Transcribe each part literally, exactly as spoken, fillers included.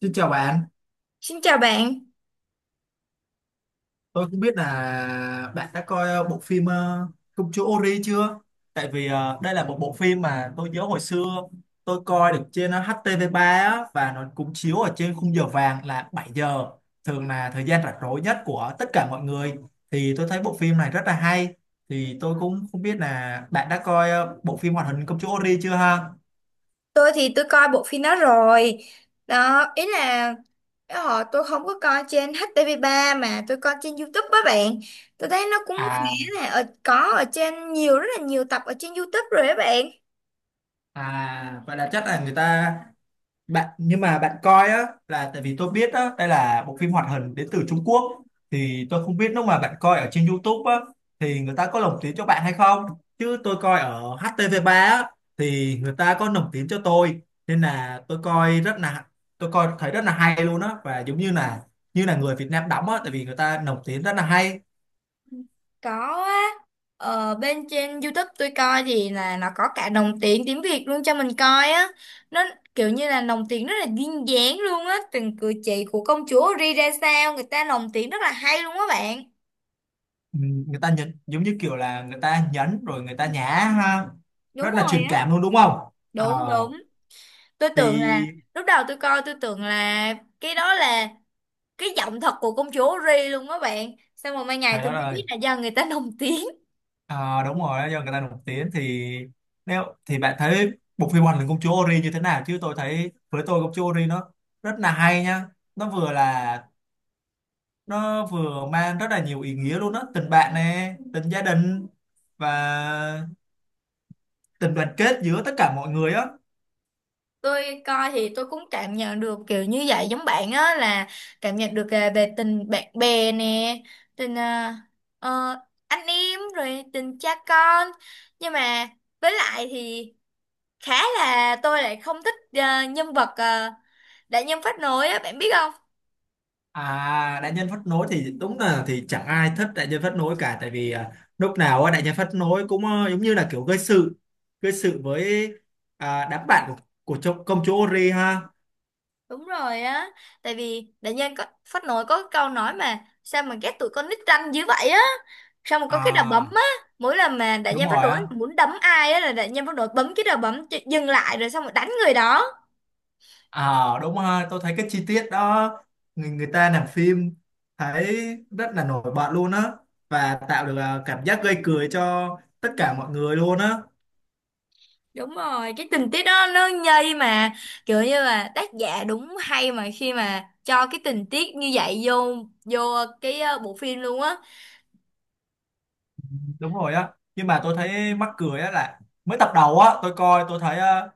Xin chào bạn, Xin chào bạn, tôi không biết là bạn đã coi ờ, bộ phim ờ, Công chúa Ori chưa? Tại vì ờ, đây là một bộ phim mà tôi nhớ hồi xưa tôi coi được trên ờ, hát tê vê ba á, và nó cũng chiếu ở trên khung giờ vàng là bảy giờ, thường là thời gian rảnh rỗi nhất của tất cả mọi người. Thì tôi thấy bộ phim này rất là hay, thì tôi cũng không biết là bạn đã coi ờ, bộ phim hoạt hình Công chúa Ori chưa ha? tôi thì tôi coi bộ phim đó rồi. Đó, ý là cái họ tôi không có coi trên hát tê vê ba mà tôi coi trên YouTube á bạn. Tôi thấy nó cũng khá À, là ở, có ở trên nhiều rất là nhiều tập ở trên YouTube rồi á bạn. à, vậy là chắc là người ta bạn nhưng mà bạn coi á là tại vì tôi biết á đây là bộ phim hoạt hình đến từ Trung Quốc, thì tôi không biết lúc mà bạn coi ở trên YouTube á thì người ta có lồng tiếng cho bạn hay không, chứ tôi coi ở hát tê vê ba á thì người ta có lồng tiếng cho tôi, nên là tôi coi rất là tôi coi thấy rất là hay luôn á, và giống như là như là người Việt Nam đóng á, tại vì người ta lồng tiếng rất là hay. Có á, ở bên trên YouTube tôi coi thì là nó có cả đồng tiền tiếng Việt luôn cho mình coi á. Nó kiểu như là lồng tiếng rất là duyên dáng luôn á, từng cử chỉ của công chúa Ri ra sao, người ta lồng tiếng rất là hay luôn á bạn. Ừ, người ta nhấn giống như kiểu là người ta nhấn rồi người ta nhả ha, Đúng rất là rồi truyền á. cảm luôn đúng không? Ờ Đúng, đúng, tôi tưởng là thì lúc đầu tôi coi tôi tưởng là cái đó là cái giọng thật của công chúa Ri luôn đó bạn, xong rồi mai ngày Trời tôi đất mới ơi, biết là do người ta lồng tiếng. Ờ, đúng rồi đó, do người ta nổi tiếng thì nếu thì bạn thấy bộ phim Hoàng Linh Công Chúa Ori như thế nào, chứ tôi thấy với tôi Công Chúa Ori nó rất là hay nha. nó vừa là nó vừa mang rất là nhiều ý nghĩa luôn đó, tình bạn nè, tình gia đình và tình đoàn kết giữa tất cả mọi người á. Tôi coi thì tôi cũng cảm nhận được kiểu như vậy giống bạn á, là cảm nhận được à, về tình bạn bè nè, tình à, ờ, anh em rồi tình cha con. Nhưng mà với lại thì khá là tôi lại không thích à, nhân vật uh, đại nhân phát nổi á bạn biết không. À đại nhân phát nối thì đúng là thì chẳng ai thích đại nhân phát nối cả, tại vì à, lúc nào á, đại nhân phát nối cũng ờ, giống như là kiểu gây sự, gây sự với à, đám bạn của, của cho- công chúa Ori ha. Đúng rồi á, tại vì đại nhân có phát nổi có cái câu nói mà sao mà ghét tụi con nít ranh dữ vậy á, sao mà có cái đòn bấm À, á, mỗi lần mà đại đúng nhân phát rồi nổi á. muốn đấm ai á là đại nhân phát nổi bấm cái đòn bấm cho- dừng lại rồi xong rồi đánh người đó. À, đúng ha. Tôi thấy cái chi tiết đó người, người ta làm phim thấy rất là nổi bật luôn á, và tạo được à, cảm giác gây cười cho tất cả mọi người luôn á. Đúng rồi, cái tình tiết đó nó nhây mà, kiểu như là tác giả đúng hay mà khi mà cho cái tình tiết như vậy vô vô cái ờ, bộ phim luôn á. Đúng rồi á. Nhưng mà tôi thấy mắc cười á là mới tập đầu á, tôi coi tôi thấy à,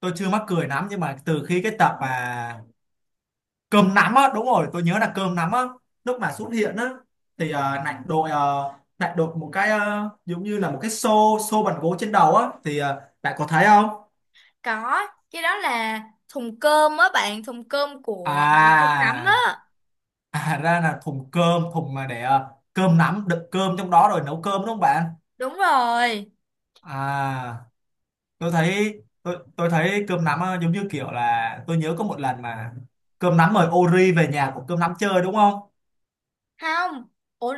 tôi chưa mắc cười lắm, nhưng mà từ khi cái tập mà cơm nắm á, đúng rồi tôi nhớ là cơm nắm á, lúc mà xuất hiện á thì uh, lại đội ờ, lại đội một cái ờ, giống như là một cái xô xô bằng gỗ trên đầu á, thì ờ, bạn có thấy không? Có, cái đó là thùng cơm á bạn, thùng cơm À của cơm nắm á. à ra là thùng cơm, thùng mà để ờ, cơm nắm đựng cơm trong đó rồi nấu cơm đúng không bạn? Đúng rồi. À tôi thấy tôi tôi thấy cơm nắm ờ, giống như kiểu là tôi nhớ có một lần mà cơm nắm mời Ori về nhà của cơm nắm chơi đúng không? Không. Ủa,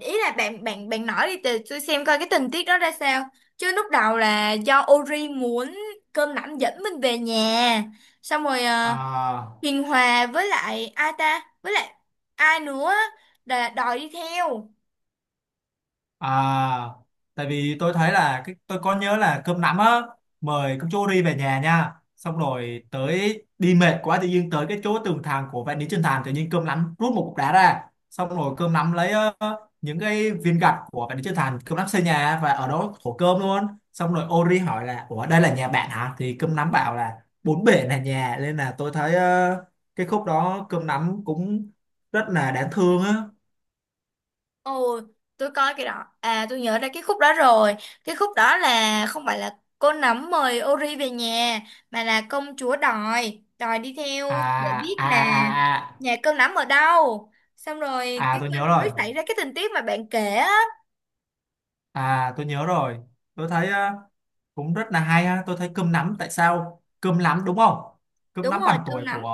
ý là bạn bạn bạn nói đi từ tôi xem coi cái tình tiết đó ra sao, chứ lúc đầu là do Ori muốn cơm nắm dẫn mình về nhà xong rồi, ờ, À Hiền Hòa với lại ai ta với lại ai nữa á, là đòi đi theo. À, tại vì tôi thấy là cái tôi có nhớ là cơm nắm á mời công chúa đi về nhà nha. Xong rồi tới đi mệt quá, tự nhiên tới cái chỗ tường thành của vạn lý trường thành, tự nhiên cơm nắm rút một cục đá ra. Xong rồi cơm nắm lấy ờ, những cái viên gạch của vạn lý trường thành, cơm nắm xây nhà và ở đó thổ cơm luôn. Xong rồi Ori hỏi là ủa đây là nhà bạn hả? Thì cơm nắm bảo là bốn bể là nhà, nên là tôi thấy ờ, cái khúc đó cơm nắm cũng rất là đáng thương á. Ồ, tôi coi cái đó. À, tôi nhớ ra cái khúc đó rồi. Cái khúc đó là không phải là cô nấm mời Ori về nhà, mà là công chúa đòi, đòi đi À theo để biết à là à à. nhà cô nấm ở đâu. Xong rồi À cái tôi nhớ mình rồi. mới xảy ra cái tình tiết mà bạn kể á. À tôi nhớ rồi. Tôi thấy ờ, cũng rất là hay ha. Tôi thấy cơm nắm tại sao? Cơm nắm đúng không? Cơm Đúng nắm rồi, bằng cơm tuổi nấm. của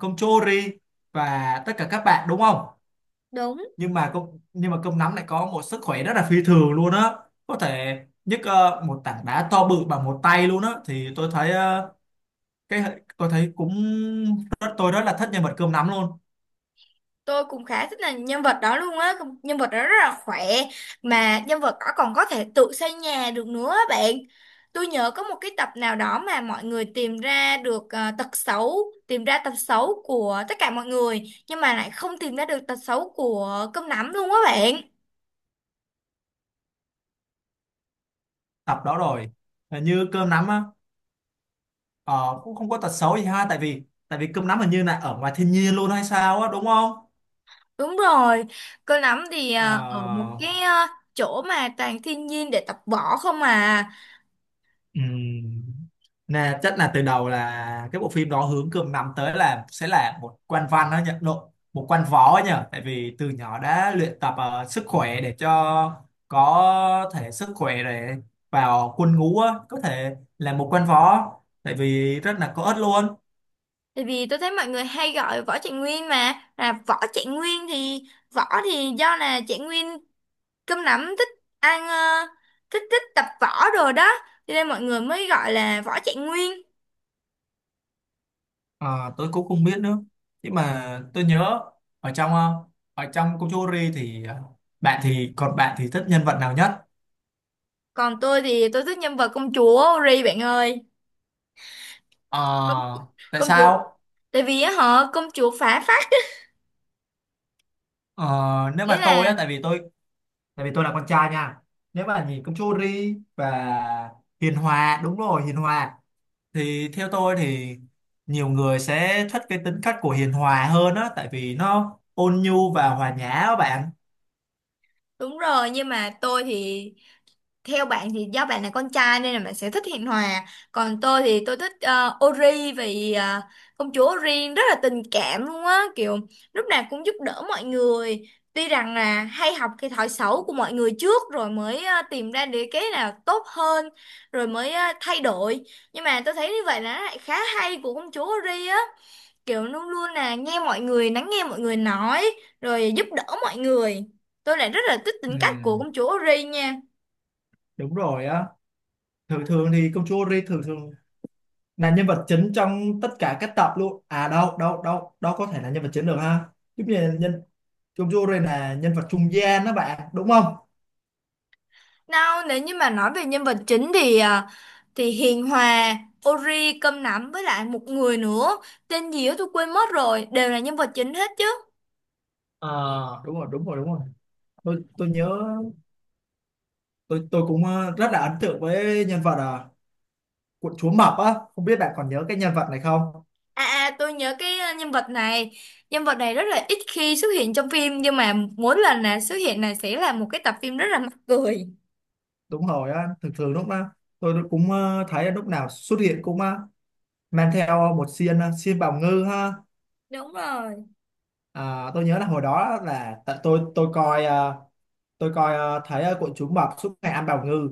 cơm chori và tất cả các bạn đúng không? Đúng. Nhưng mà cơm nhưng mà cơm nắm lại có một sức khỏe rất là phi thường luôn á. Có thể nhấc ờ, một tảng đá to bự bằng một tay luôn á, thì tôi thấy ờ, cái tôi thấy cũng rất tôi rất là thích nhân vật cơm nắm luôn. Tôi cũng khá thích là nhân vật đó luôn á. Không- nhân vật đó rất là khỏe mà nhân vật đó còn có thể tự xây nhà được nữa á bạn. Tôi nhớ có một cái tập nào đó mà mọi người tìm ra được ờ, tật xấu, tìm ra tật xấu của tất cả mọi người nhưng mà lại không tìm ra được tật xấu của cơm nắm luôn á bạn. Tập đó rồi. Là Như cơm nắm á. Ờ, cũng không có tật xấu gì ha, tại vì tại vì cơm nắm hình như là ở ngoài thiên nhiên luôn hay sao á đúng không? Đúng rồi, cơm nắm thì ờ, ở một Ờ, cái ờ, chỗ mà toàn thiên nhiên để tập võ không à. ừm, nè chắc là từ đầu là cái bộ phim đó hướng cơm nắm tới là sẽ là một quan văn đó nhỉ, lộ một quan võ ấy nhỉ, tại vì từ nhỏ đã luyện tập ờ, sức khỏe để cho có thể sức khỏe để vào quân ngũ á, có thể là một quan võ, tại vì rất là có ích luôn. Tại vì tôi thấy mọi người hay gọi Võ Trạng Nguyên mà, là Võ Trạng Nguyên thì Võ thì do là Trạng Nguyên, cơm nắm thích ăn ờ, thích thích tập võ rồi đó, cho nên mọi người mới gọi là Võ Trạng Nguyên. À, tôi cũng không biết nữa, nhưng mà tôi nhớ ở trong ờ, ở trong Kochori thì ờ, bạn thì còn bạn thì thích nhân vật nào nhất? Còn tôi thì tôi thích nhân vật công chúa Ri bạn ơi. Ờ, tại Công chúa sao? Tại vì á họ công chúa phá phách, Ờ, nếu nghĩa mà tôi á, là... tại vì tôi tại vì tôi là con trai nha, nếu mà nhìn Kochori và Hiền Hòa, đúng rồi Hiền Hòa, thì theo tôi thì nhiều người sẽ thích cái tính cách của Hiền Hòa hơn á, tại vì nó ôn nhu và hòa nhã á bạn. Đúng rồi, nhưng mà tôi thì, theo bạn thì do bạn là con trai nên là bạn sẽ thích Hiền Hòa, còn tôi thì tôi thích ờ, Ori vì ờ, công chúa Ori rất là tình cảm luôn á, kiểu lúc nào cũng giúp đỡ mọi người, tuy rằng là hay học cái thói xấu của mọi người trước rồi mới ờ, tìm ra được cái nào tốt hơn rồi mới ờ, thay đổi. Nhưng mà tôi thấy như vậy là nó lại khá hay của công chúa Ori á, kiểu luôn luôn là nghe mọi người, lắng nghe mọi người nói rồi giúp đỡ mọi người. Tôi lại rất là thích Ừ, tính cách của công chúa Ori nha. đúng rồi á. Thường thường thì Công chúa Ri thường thường là nhân vật chính trong tất cả các tập luôn, à đâu đâu đâu đâu có thể là nhân vật chính được ha, giống như nhân Chung Jure là nhân vật trung gian đó bạn đúng không? Nào, nếu như mà nói về nhân vật chính thì à, thì Hiền Hòa, Ori, Cơm Nắm với lại một người nữa tên gì đó tôi quên mất rồi đều là nhân vật chính hết chứ. À đúng rồi đúng rồi đúng rồi tôi tôi nhớ tôi tôi cũng ờ, rất là ấn tượng với nhân vật à, của chúa Mập á, không biết bạn còn nhớ cái nhân vật này không? À, à, tôi nhớ cái à, nhân vật này. Nhân vật này rất là ít khi xuất hiện trong phim nhưng mà mỗi lần là xuất hiện này sẽ là một cái tập phim rất là mắc cười. Đúng rồi á, thường thường lúc đó tôi cũng ờ, thấy lúc nào xuất hiện cũng ờ, mang theo một xiên ờ, xiên bào ngư ha. Đúng rồi. À, tôi nhớ là hồi đó là tại tôi tôi coi ờ, tôi coi ờ, thấy ờ, của chú mập suốt ngày ăn bào ngư,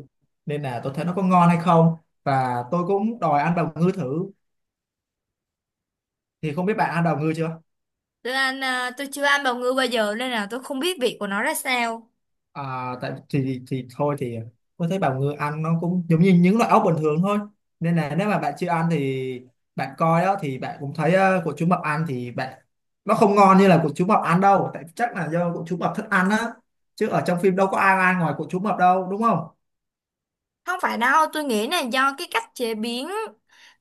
nên là tôi thấy nó có ngon hay không, và tôi cũng đòi ăn bào ngư thử, thì không biết bạn ăn bào ngư chưa. Tôi ăn à, tôi chưa ăn bào ngư bao giờ nên là tôi không biết vị của nó ra sao. À, tại thì thì thôi thì tôi thấy bào ngư ăn nó cũng giống như những loại ốc bình thường thôi, nên là nếu mà bạn chưa ăn thì bạn coi đó thì bạn cũng thấy ờ, của chú mập ăn thì bạn nó không ngon như là của chú mập ăn đâu, tại chắc là do của chú mập thích ăn á, chứ ở trong phim đâu có ai ăn ngoài của chú mập đâu đúng không? Không phải đâu, tôi nghĩ là do cái cách chế biến.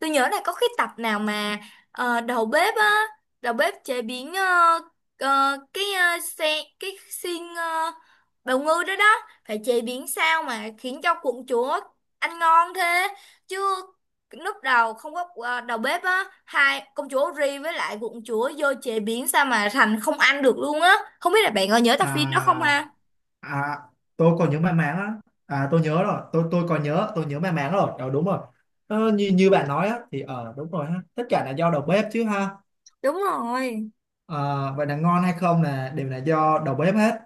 Tôi nhớ là có cái tập nào mà ờ, đầu bếp á, đầu bếp chế biến ờ, ờ, cái ờ, xe cái xiên ờ, bào ngư đó đó, phải chế biến sao mà khiến cho quận chúa ăn ngon thế. Chứ lúc đầu không có ờ, đầu bếp á, hai công chúa Ri với lại quận chúa vô chế biến sao mà thành không ăn được luôn á. Không biết là bạn có nhớ tập phim đó không À ha? À, tôi còn nhớ may mắn á. À, tôi nhớ rồi. Tôi tôi còn nhớ, tôi nhớ may mắn rồi. Ờ, đúng rồi. Ờ, như như bạn nói á, thì ờ đúng rồi ha. Tất cả là do đầu bếp chứ ha. Đúng rồi. Ờ, vậy là ngon hay không là đều là do đầu bếp hết.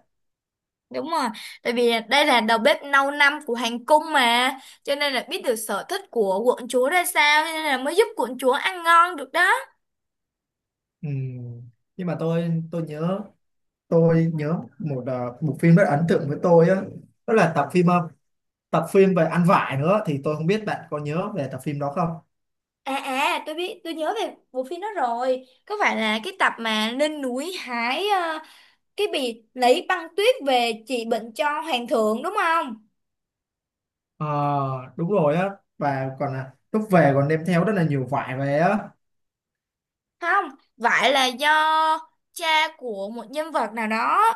Đúng rồi, tại vì đây là đầu bếp lâu năm của hoàng cung mà, cho nên là biết được sở thích của quận chúa ra sao, cho nên là mới giúp quận chúa ăn ngon được đó. Ừm, Nhưng mà tôi tôi nhớ tôi nhớ một ờ, một phim rất ấn tượng với tôi á, đó là tập phim ờ, tập phim về ăn vải nữa, thì tôi không biết bạn có nhớ về tập phim đó không? À, à, tôi biết, tôi nhớ về bộ phim đó rồi. Có phải là cái tập mà lên núi hái ờ, cái bì lấy băng tuyết về trị bệnh cho hoàng thượng đúng không? Ờ, đúng rồi á, và còn là lúc về còn đem theo rất là nhiều vải về á. Không, phải là do cha của một nhân vật nào đó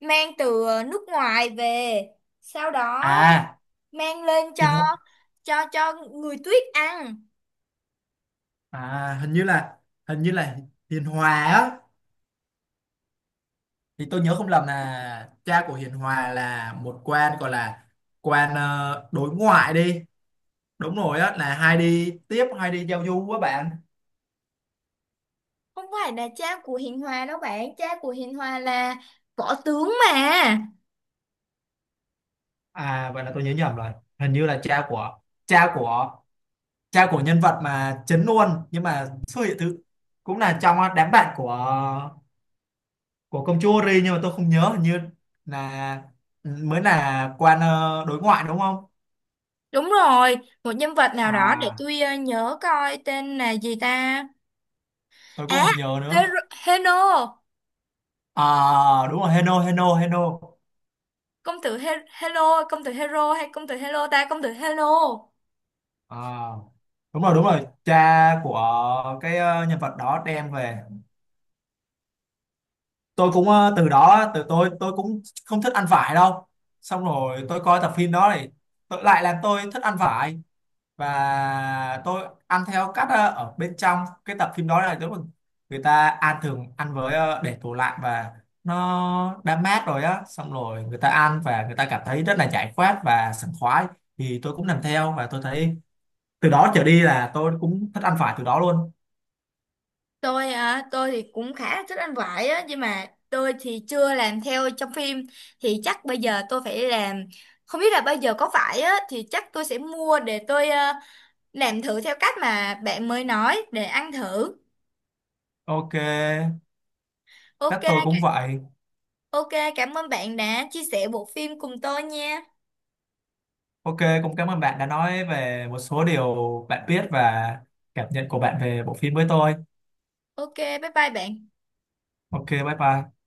mang từ nước ngoài về, sau đó À, mang lên hình cho cho cho người tuyết ăn. à hình như là hình như là Hiền Hòa á, thì tôi nhớ không lầm là cha của Hiền Hòa là một quan gọi là quan ờ, đối ngoại đi, đúng rồi á là hay đi tiếp hay đi giao du á bạn. Không phải là cha của Hiền Hòa đâu bạn, cha của Hiền Hòa là võ tướng mà. À vậy là tôi nhớ nhầm rồi, hình như là cha của cha của cha của nhân vật mà chính luôn, nhưng mà xuất hiện thứ, cũng là trong đám bạn của của công chúa Ri, nhưng mà tôi không nhớ, hình như là ừ, mới là quan ờ, đối ngoại đúng không? Đúng rồi, một nhân vật nào đó, để À tôi ờ, nhớ coi tên là gì ta. tôi cũng À, không nhớ nữa. Hero, Heno. À đúng rồi Heno Heno Heno. Công tử He Hello, công tử Hero hay công tử Hello ta, công tử Hello. À, đúng rồi đúng rồi cha của cái ờ, nhân vật đó đem về, tôi cũng ờ, từ đó từ tôi tôi cũng không thích ăn vải đâu, xong rồi tôi coi tập phim đó thì tôi lại làm tôi thích ăn vải, và tôi ăn theo cách ờ, ở bên trong cái tập phim đó là đúng là người ta ăn thường ăn với ờ, để tủ lạnh và nó đã mát rồi á, xong rồi người ta ăn và người ta cảm thấy rất là giải khoát và sảng khoái, thì tôi cũng làm theo và tôi thấy từ đó trở đi là tôi cũng thích ăn phải từ đó luôn. Tôi à, tôi thì cũng khá là thích ăn vải á nhưng mà tôi thì chưa làm theo trong phim, thì chắc bây giờ tôi phải làm. Không biết là bây giờ có vải á thì chắc tôi sẽ mua để tôi à, làm thử theo cách mà bạn mới nói để ăn thử. OK chắc OK. tôi cũng vậy. OK, cảm ơn bạn đã chia sẻ bộ phim cùng tôi nha. OK cũng cảm ơn bạn đã nói về một số điều bạn biết và cảm nhận của bạn về bộ phim với tôi. OK, bye bye bạn. OK bye bye.